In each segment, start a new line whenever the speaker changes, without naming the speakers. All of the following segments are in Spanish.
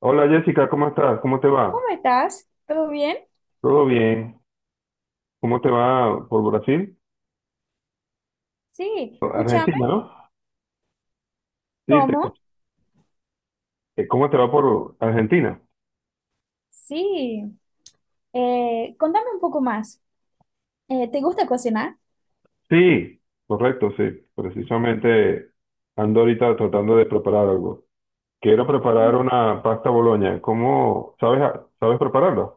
Hola Jessica, ¿cómo estás? ¿Cómo te
¿Cómo
va?
estás? ¿Todo bien?
¿Todo bien? ¿Cómo te va por Brasil?
Sí, escúchame.
Argentina, ¿no? Sí, te-
¿Cómo?
¿Cómo te va por Argentina?
Sí. Contame un poco más. ¿Te gusta cocinar?
Sí, correcto, sí. Precisamente ando ahorita tratando de preparar algo. Quiero
Sí,
preparar una pasta boloña. ¿Cómo? ¿Sabes prepararla?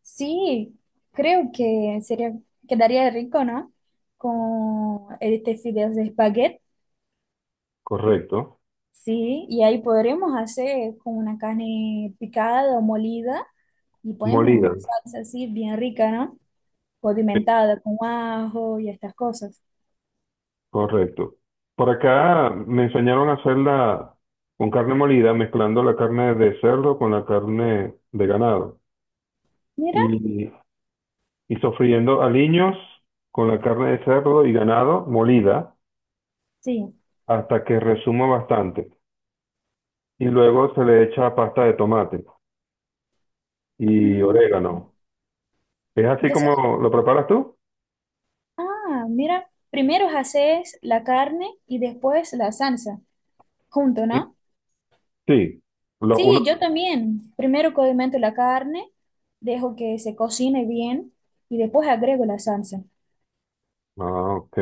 sí, creo que sería, quedaría rico, ¿no? Con este fideos de espagueti.
Correcto.
Sí, y ahí podremos hacer con una carne picada o molida y ponemos una
Molida.
salsa así bien rica, ¿no?
Sí,
Condimentada con ajo y estas cosas.
correcto. Por acá me enseñaron a hacerla con carne molida, mezclando la carne de cerdo con la carne de ganado.
Mira,
Y y sofriendo aliños con la carne de cerdo y ganado molida
sí.
hasta que resuma bastante. Y luego se le echa pasta de tomate y
Mm,
orégano. ¿Es así
Entonces.
como lo preparas tú?
Ah, mira, primero haces la carne y después la salsa, junto,
Sí.
¿no?
Sí. Lo
Sí,
uno.
yo también. Primero condimento la carne, dejo que se cocine bien y después agrego la salsa.
Ah, ok.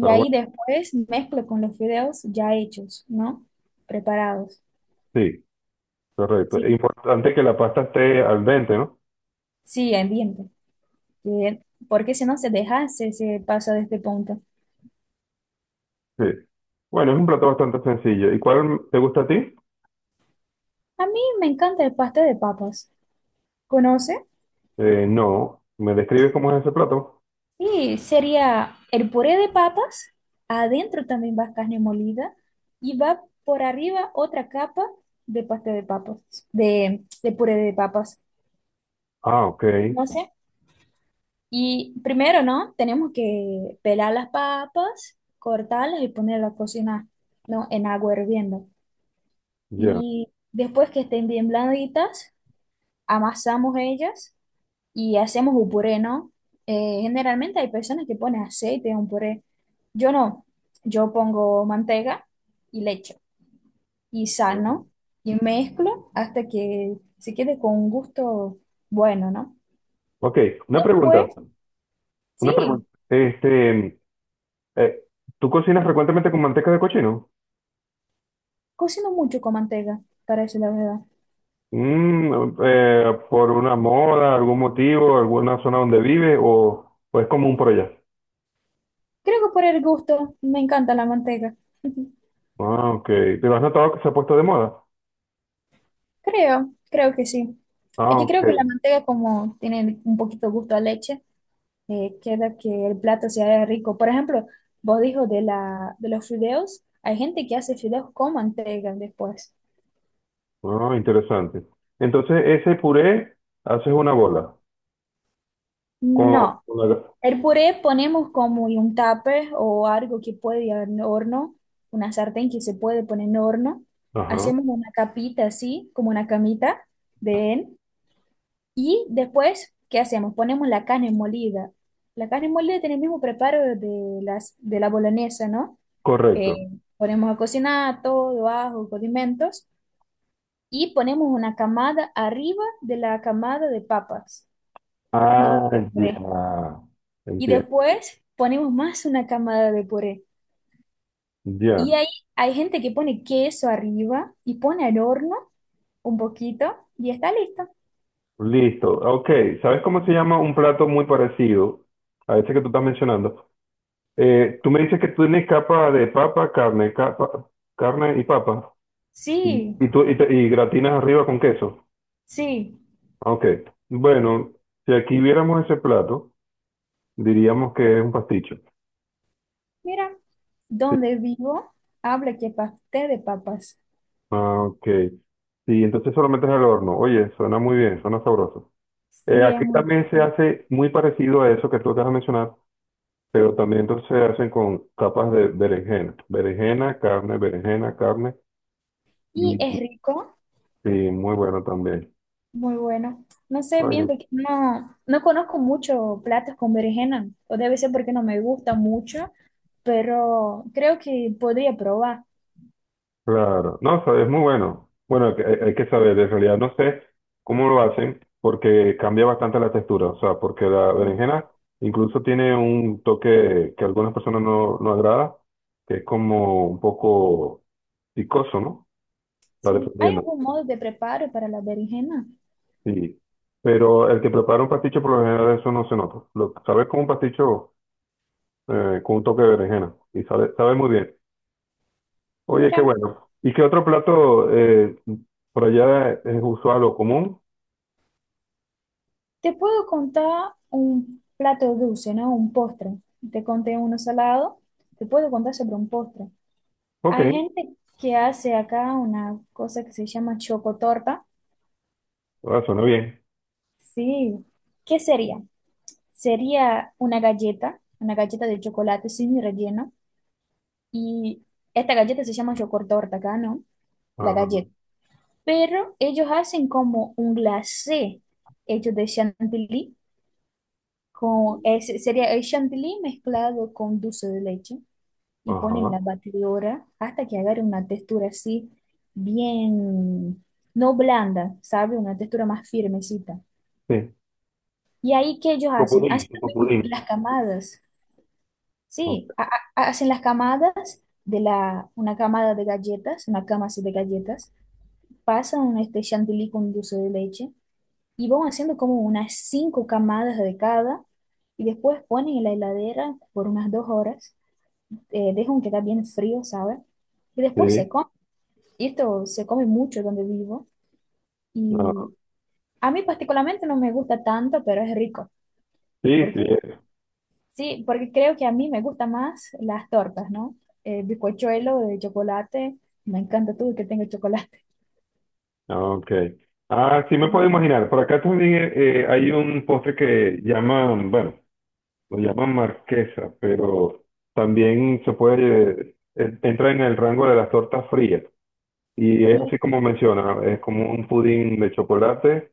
Ah,
ahí
bueno,
después mezclo con los fideos ya hechos, ¿no? Preparados.
sí, correcto. Es
Sí,
importante que la pasta esté al dente, ¿no?
sí, ambiente. Bien, porque si no se deja, se pasa de este punto.
Sí. Bueno, es un plato bastante sencillo. ¿Y cuál te gusta a ti?
A mí me encanta el pastel de papas. ¿Conoce?
No. ¿Me describes cómo es ese plato?
Sí, sería el puré de papas, adentro también va carne molida y va por arriba otra capa de pastel de papas, de puré de papas.
Ah, ok.
No sé. Y primero, ¿no? Tenemos que pelar las papas, cortarlas y ponerlas a cocinar, ¿no? En agua hirviendo.
Ya.
Y después que estén bien blanditas, amasamos ellas y hacemos un puré, ¿no? Generalmente hay personas que ponen aceite en un puré. Yo no. Yo pongo manteca y leche y sal, ¿no? Y mezclo hasta que se quede con un gusto bueno, ¿no?
Ok, una pregunta.
Después,
Una pregunta.
sí,
Este, eh, ¿tú cocinas frecuentemente con manteca de cochino?
cocino mucho con manteca, para decir la verdad.
¿Por una moda, algún motivo, alguna zona donde vive o es común por allá?
Creo que por el gusto me encanta la manteca.
Ah, ok. ¿Pero has notado que se ha puesto de moda?
Creo que sí. Es
Ah,
que
ok.
creo que la manteca como tiene un poquito gusto a leche, queda que el plato sea rico. Por ejemplo, vos dijo de los fideos, hay gente que hace fideos con manteiga después.
Ah, interesante. Entonces, ese puré haces una bola con,
No,
con la-
el puré ponemos como en un tupper o algo que puede ir en horno, una sartén que se puede poner en horno.
Ajá,
Hacemos una capita así, como una camita de él. Y después, ¿qué hacemos? Ponemos la carne molida. La carne molida tiene el mismo preparo de la boloñesa, ¿no? Eh,
correcto.
Ponemos a cocinar todo, ajo, condimentos y ponemos una camada arriba de la camada de papas, ¿no?
Ah,
De puré.
ya.
Y
Entiendo.
después ponemos más una camada de puré. Y
Ya.
ahí hay gente que pone queso arriba y pone al horno un poquito y está listo.
Listo. Ok. ¿Sabes cómo se llama un plato muy parecido a ese que tú estás mencionando? Tú me dices que tú tienes capa de papa, carne, capa, carne y papa.
Sí,
Y gratinas arriba con queso.
sí.
Ah, ok. Bueno, si aquí viéramos ese plato, diríamos que es un pasticho.
Mira,
Sí.
donde vivo habla que pastel de papas.
Ah, ok. Sí, entonces solamente es al horno. Oye, suena muy bien, suena sabroso.
Sí, es
Aquí
muy
también se
rico.
hace muy parecido a eso que tú acabas de mencionar, pero también entonces se hacen con capas de berenjena. Berenjena, carne, berenjena, carne.
Y
Y,
es rico.
sí, muy bueno también.
Muy bueno. No sé bien porque no conozco mucho platos con berenjena, o debe ser porque no me gusta mucho, pero creo que podría probar.
Claro, no, o sea, es muy bueno. Bueno, hay que saber, en realidad no sé cómo lo hacen porque cambia bastante la textura, o sea, porque la
Sí,
berenjena incluso tiene un toque que a algunas personas no agrada, que es como un poco picoso, ¿no? Va
sí. ¿Hay
dependiendo,
algún modo de preparo para la berenjena?
sí. Pero el que prepara un pasticho por lo general eso no se nota. Lo sabes como un pasticho con un toque de berenjena y sabe muy bien. Oye, qué
Mira,
bueno. ¿Y qué otro plato por allá es usual o común?
te puedo contar un plato dulce, ¿no? Un postre. Te conté uno salado, te puedo contar sobre un postre.
Ok.
Hay gente que hace acá una cosa que se llama chocotorta.
Ah, suena bien.
Sí. ¿Qué sería? Sería una galleta de chocolate sin relleno. Y esta galleta se llama chocotorta acá, ¿no? La
Ajá,
galleta. Pero ellos hacen como un glacé hecho de chantilly. Ese sería el chantilly mezclado con dulce de leche. Y ponen
ajá,
la batidora hasta que agarre una textura así bien, no blanda, ¿sabe? Una textura más firmecita.
sí.
Y ahí, ¿qué ellos hacen?
Copudín,
Hacen también
copudín.
las camadas.
Ok,
Sí, hacen las camadas una camada de galletas, una cama así de galletas, pasan este chantilly con dulce de leche y van haciendo como unas cinco camadas de cada y después ponen en la heladera por unas 2 horas, dejan que está bien frío, ¿sabes? Y después se
sí,
come. Y esto se come mucho donde vivo
ah,
y a mí particularmente no me gusta tanto, pero es rico
sí, sí,
porque sí, porque creo que a mí me gustan más las tortas, ¿no? El bizcochuelo de chocolate, me encanta todo que tenga chocolate.
ok. Ah, sí me puedo imaginar. Por acá también hay un postre que llaman, bueno, lo llaman marquesa, pero también se puede, entra en el rango de las tortas frías. Y es
Y,
así como menciona, es como un pudín de chocolate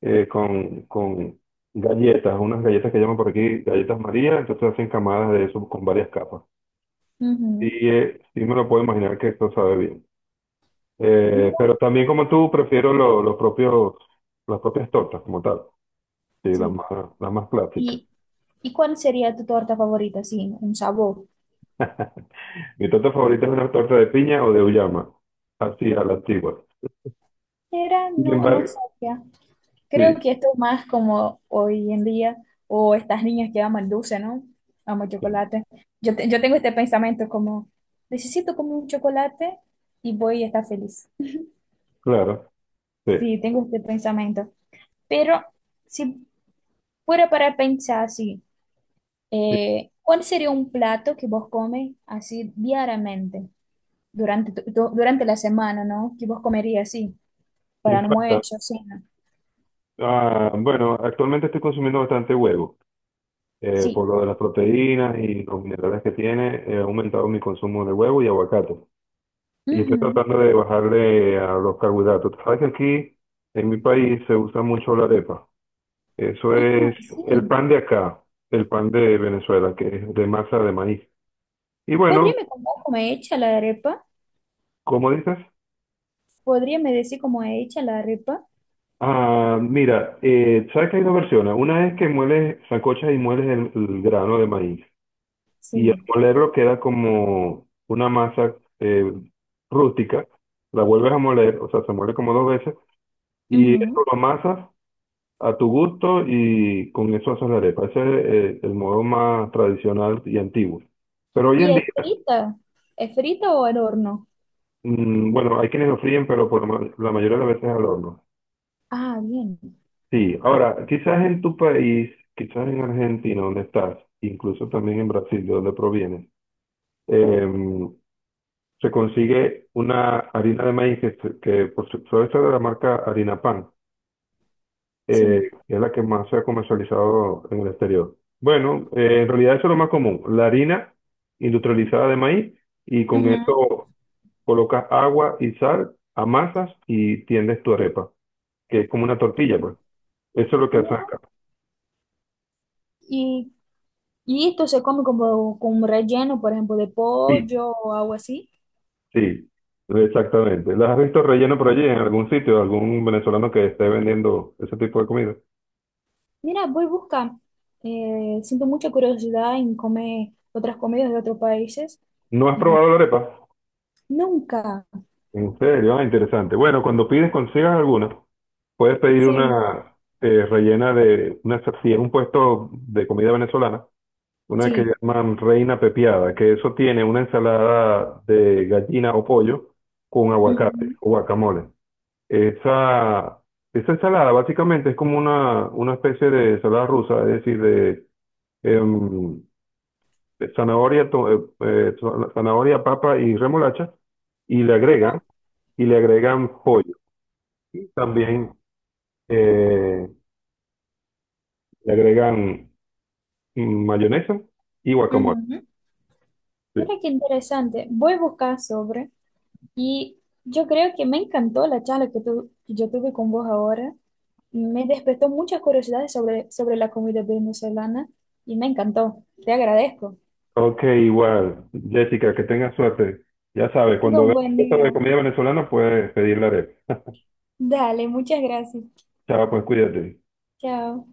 con galletas, unas galletas que llaman por aquí galletas María, entonces hacen camadas de eso con varias capas. Sí,
ujú,
sí me lo puedo imaginar que esto sabe bien.
mira,
Pero también como tú, prefiero los propios, las propias tortas como tal. Sí,
sí.
las más clásicas.
¿Y, y cuál sería tu torta favorita? Sí, un sabor.
Mi torta favorita es una torta de piña o de uyama. Así, a la antigua.
Era,
Sin
no, no
embargo,
sabía. Creo que
sí,
esto es más como hoy en día, o estas niñas que aman dulce, ¿no? Aman
sí,
chocolate. Yo tengo este pensamiento como, necesito como un chocolate y voy a estar feliz.
claro, sí,
Sí, tengo este pensamiento. Pero si fuera para pensar así,
sí,
¿cuál sería un plato que vos comes así diariamente durante la semana, ¿no? Que vos comerías así para
sin falta.
almuerzo, cena.
Ah, bueno, actualmente estoy consumiendo bastante huevo. Por
Sí.
lo de las proteínas y los minerales que tiene, he aumentado mi consumo de huevo y aguacate. Y estoy
Ujú.
tratando de bajarle a los carbohidratos. Tú sabes que aquí en mi país se usa mucho la arepa. Eso
Ah,
es el
sí.
pan de acá, el pan de Venezuela, que es de masa de maíz. Y bueno,
¿Podría me contar cómo es hecha la arepa?
¿cómo dices?
¿Podría me decir cómo es hecha la arepa?
Ah, mira, sabes que hay dos versiones. Una es que mueles, sancochas y mueles el grano de maíz. Y al
Sí.
molerlo queda como una masa rústica. La vuelves a moler, o sea, se muele como dos veces. Y esto
Ujú.
lo amasas a tu gusto y con eso haces la arepa. Ese es el modo más tradicional y antiguo. Pero hoy
¿Y
en día,
es frita? ¿Es frita o al horno?
mm, bueno, hay quienes lo fríen, pero la mayoría de las veces al horno.
Ah, bien.
Sí, ahora, quizás en tu país, quizás en Argentina, donde estás, incluso también en Brasil, de donde provienes, em, se consigue una harina de maíz que suele ser de la marca Harina Pan.
Sí.
Que es la que más se ha comercializado en el exterior. Bueno, en realidad eso es lo más común, la harina industrializada de maíz y con
Ujú.
eso colocas agua y sal, amasas y tiendes tu arepa, que es como una tortilla, pues. Eso es lo que hacen
Mira,
acá.
¿Y Y esto se come como con un relleno, por ejemplo, de
Sí,
pollo o algo así.
sí, exactamente. ¿Las has visto relleno por allí en algún sitio, algún venezolano que esté vendiendo ese tipo de comida?
Mira, voy a buscar. Siento mucha curiosidad en comer otras comidas de otros países.
¿No has
Y
probado la arepa?
nunca.
En serio, ah, interesante. Bueno, cuando pides, consigas alguna, puedes pedir
Sí,
una rellena de una, si es un puesto de comida venezolana, una que
sí.
llaman reina pepiada, que eso tiene una ensalada de gallina o pollo con aguacate
Ujú.
o guacamole. Esa, esa ensalada básicamente es como una especie de ensalada rusa, es decir, de, em, de zanahoria, zanahoria, papa y remolacha, y le agregan,
Mira,
y le agregan pollo. Y también eh, le agregan mayonesa y guacamole.
ujú.
Sí.
Mira qué interesante. Voy a buscar sobre. Y yo creo que me encantó la charla que yo tuve con vos ahora. Me despertó muchas curiosidades sobre la comida venezolana y me encantó. Te agradezco.
Ok, igual. Jessica, que tengas suerte. Ya sabes,
Tenga
cuando
un
veas
buen
cosas de
día.
comida venezolana, puedes pedirle arepa.
Dale, muchas gracias.
Chao, pues cuídate.
Chao.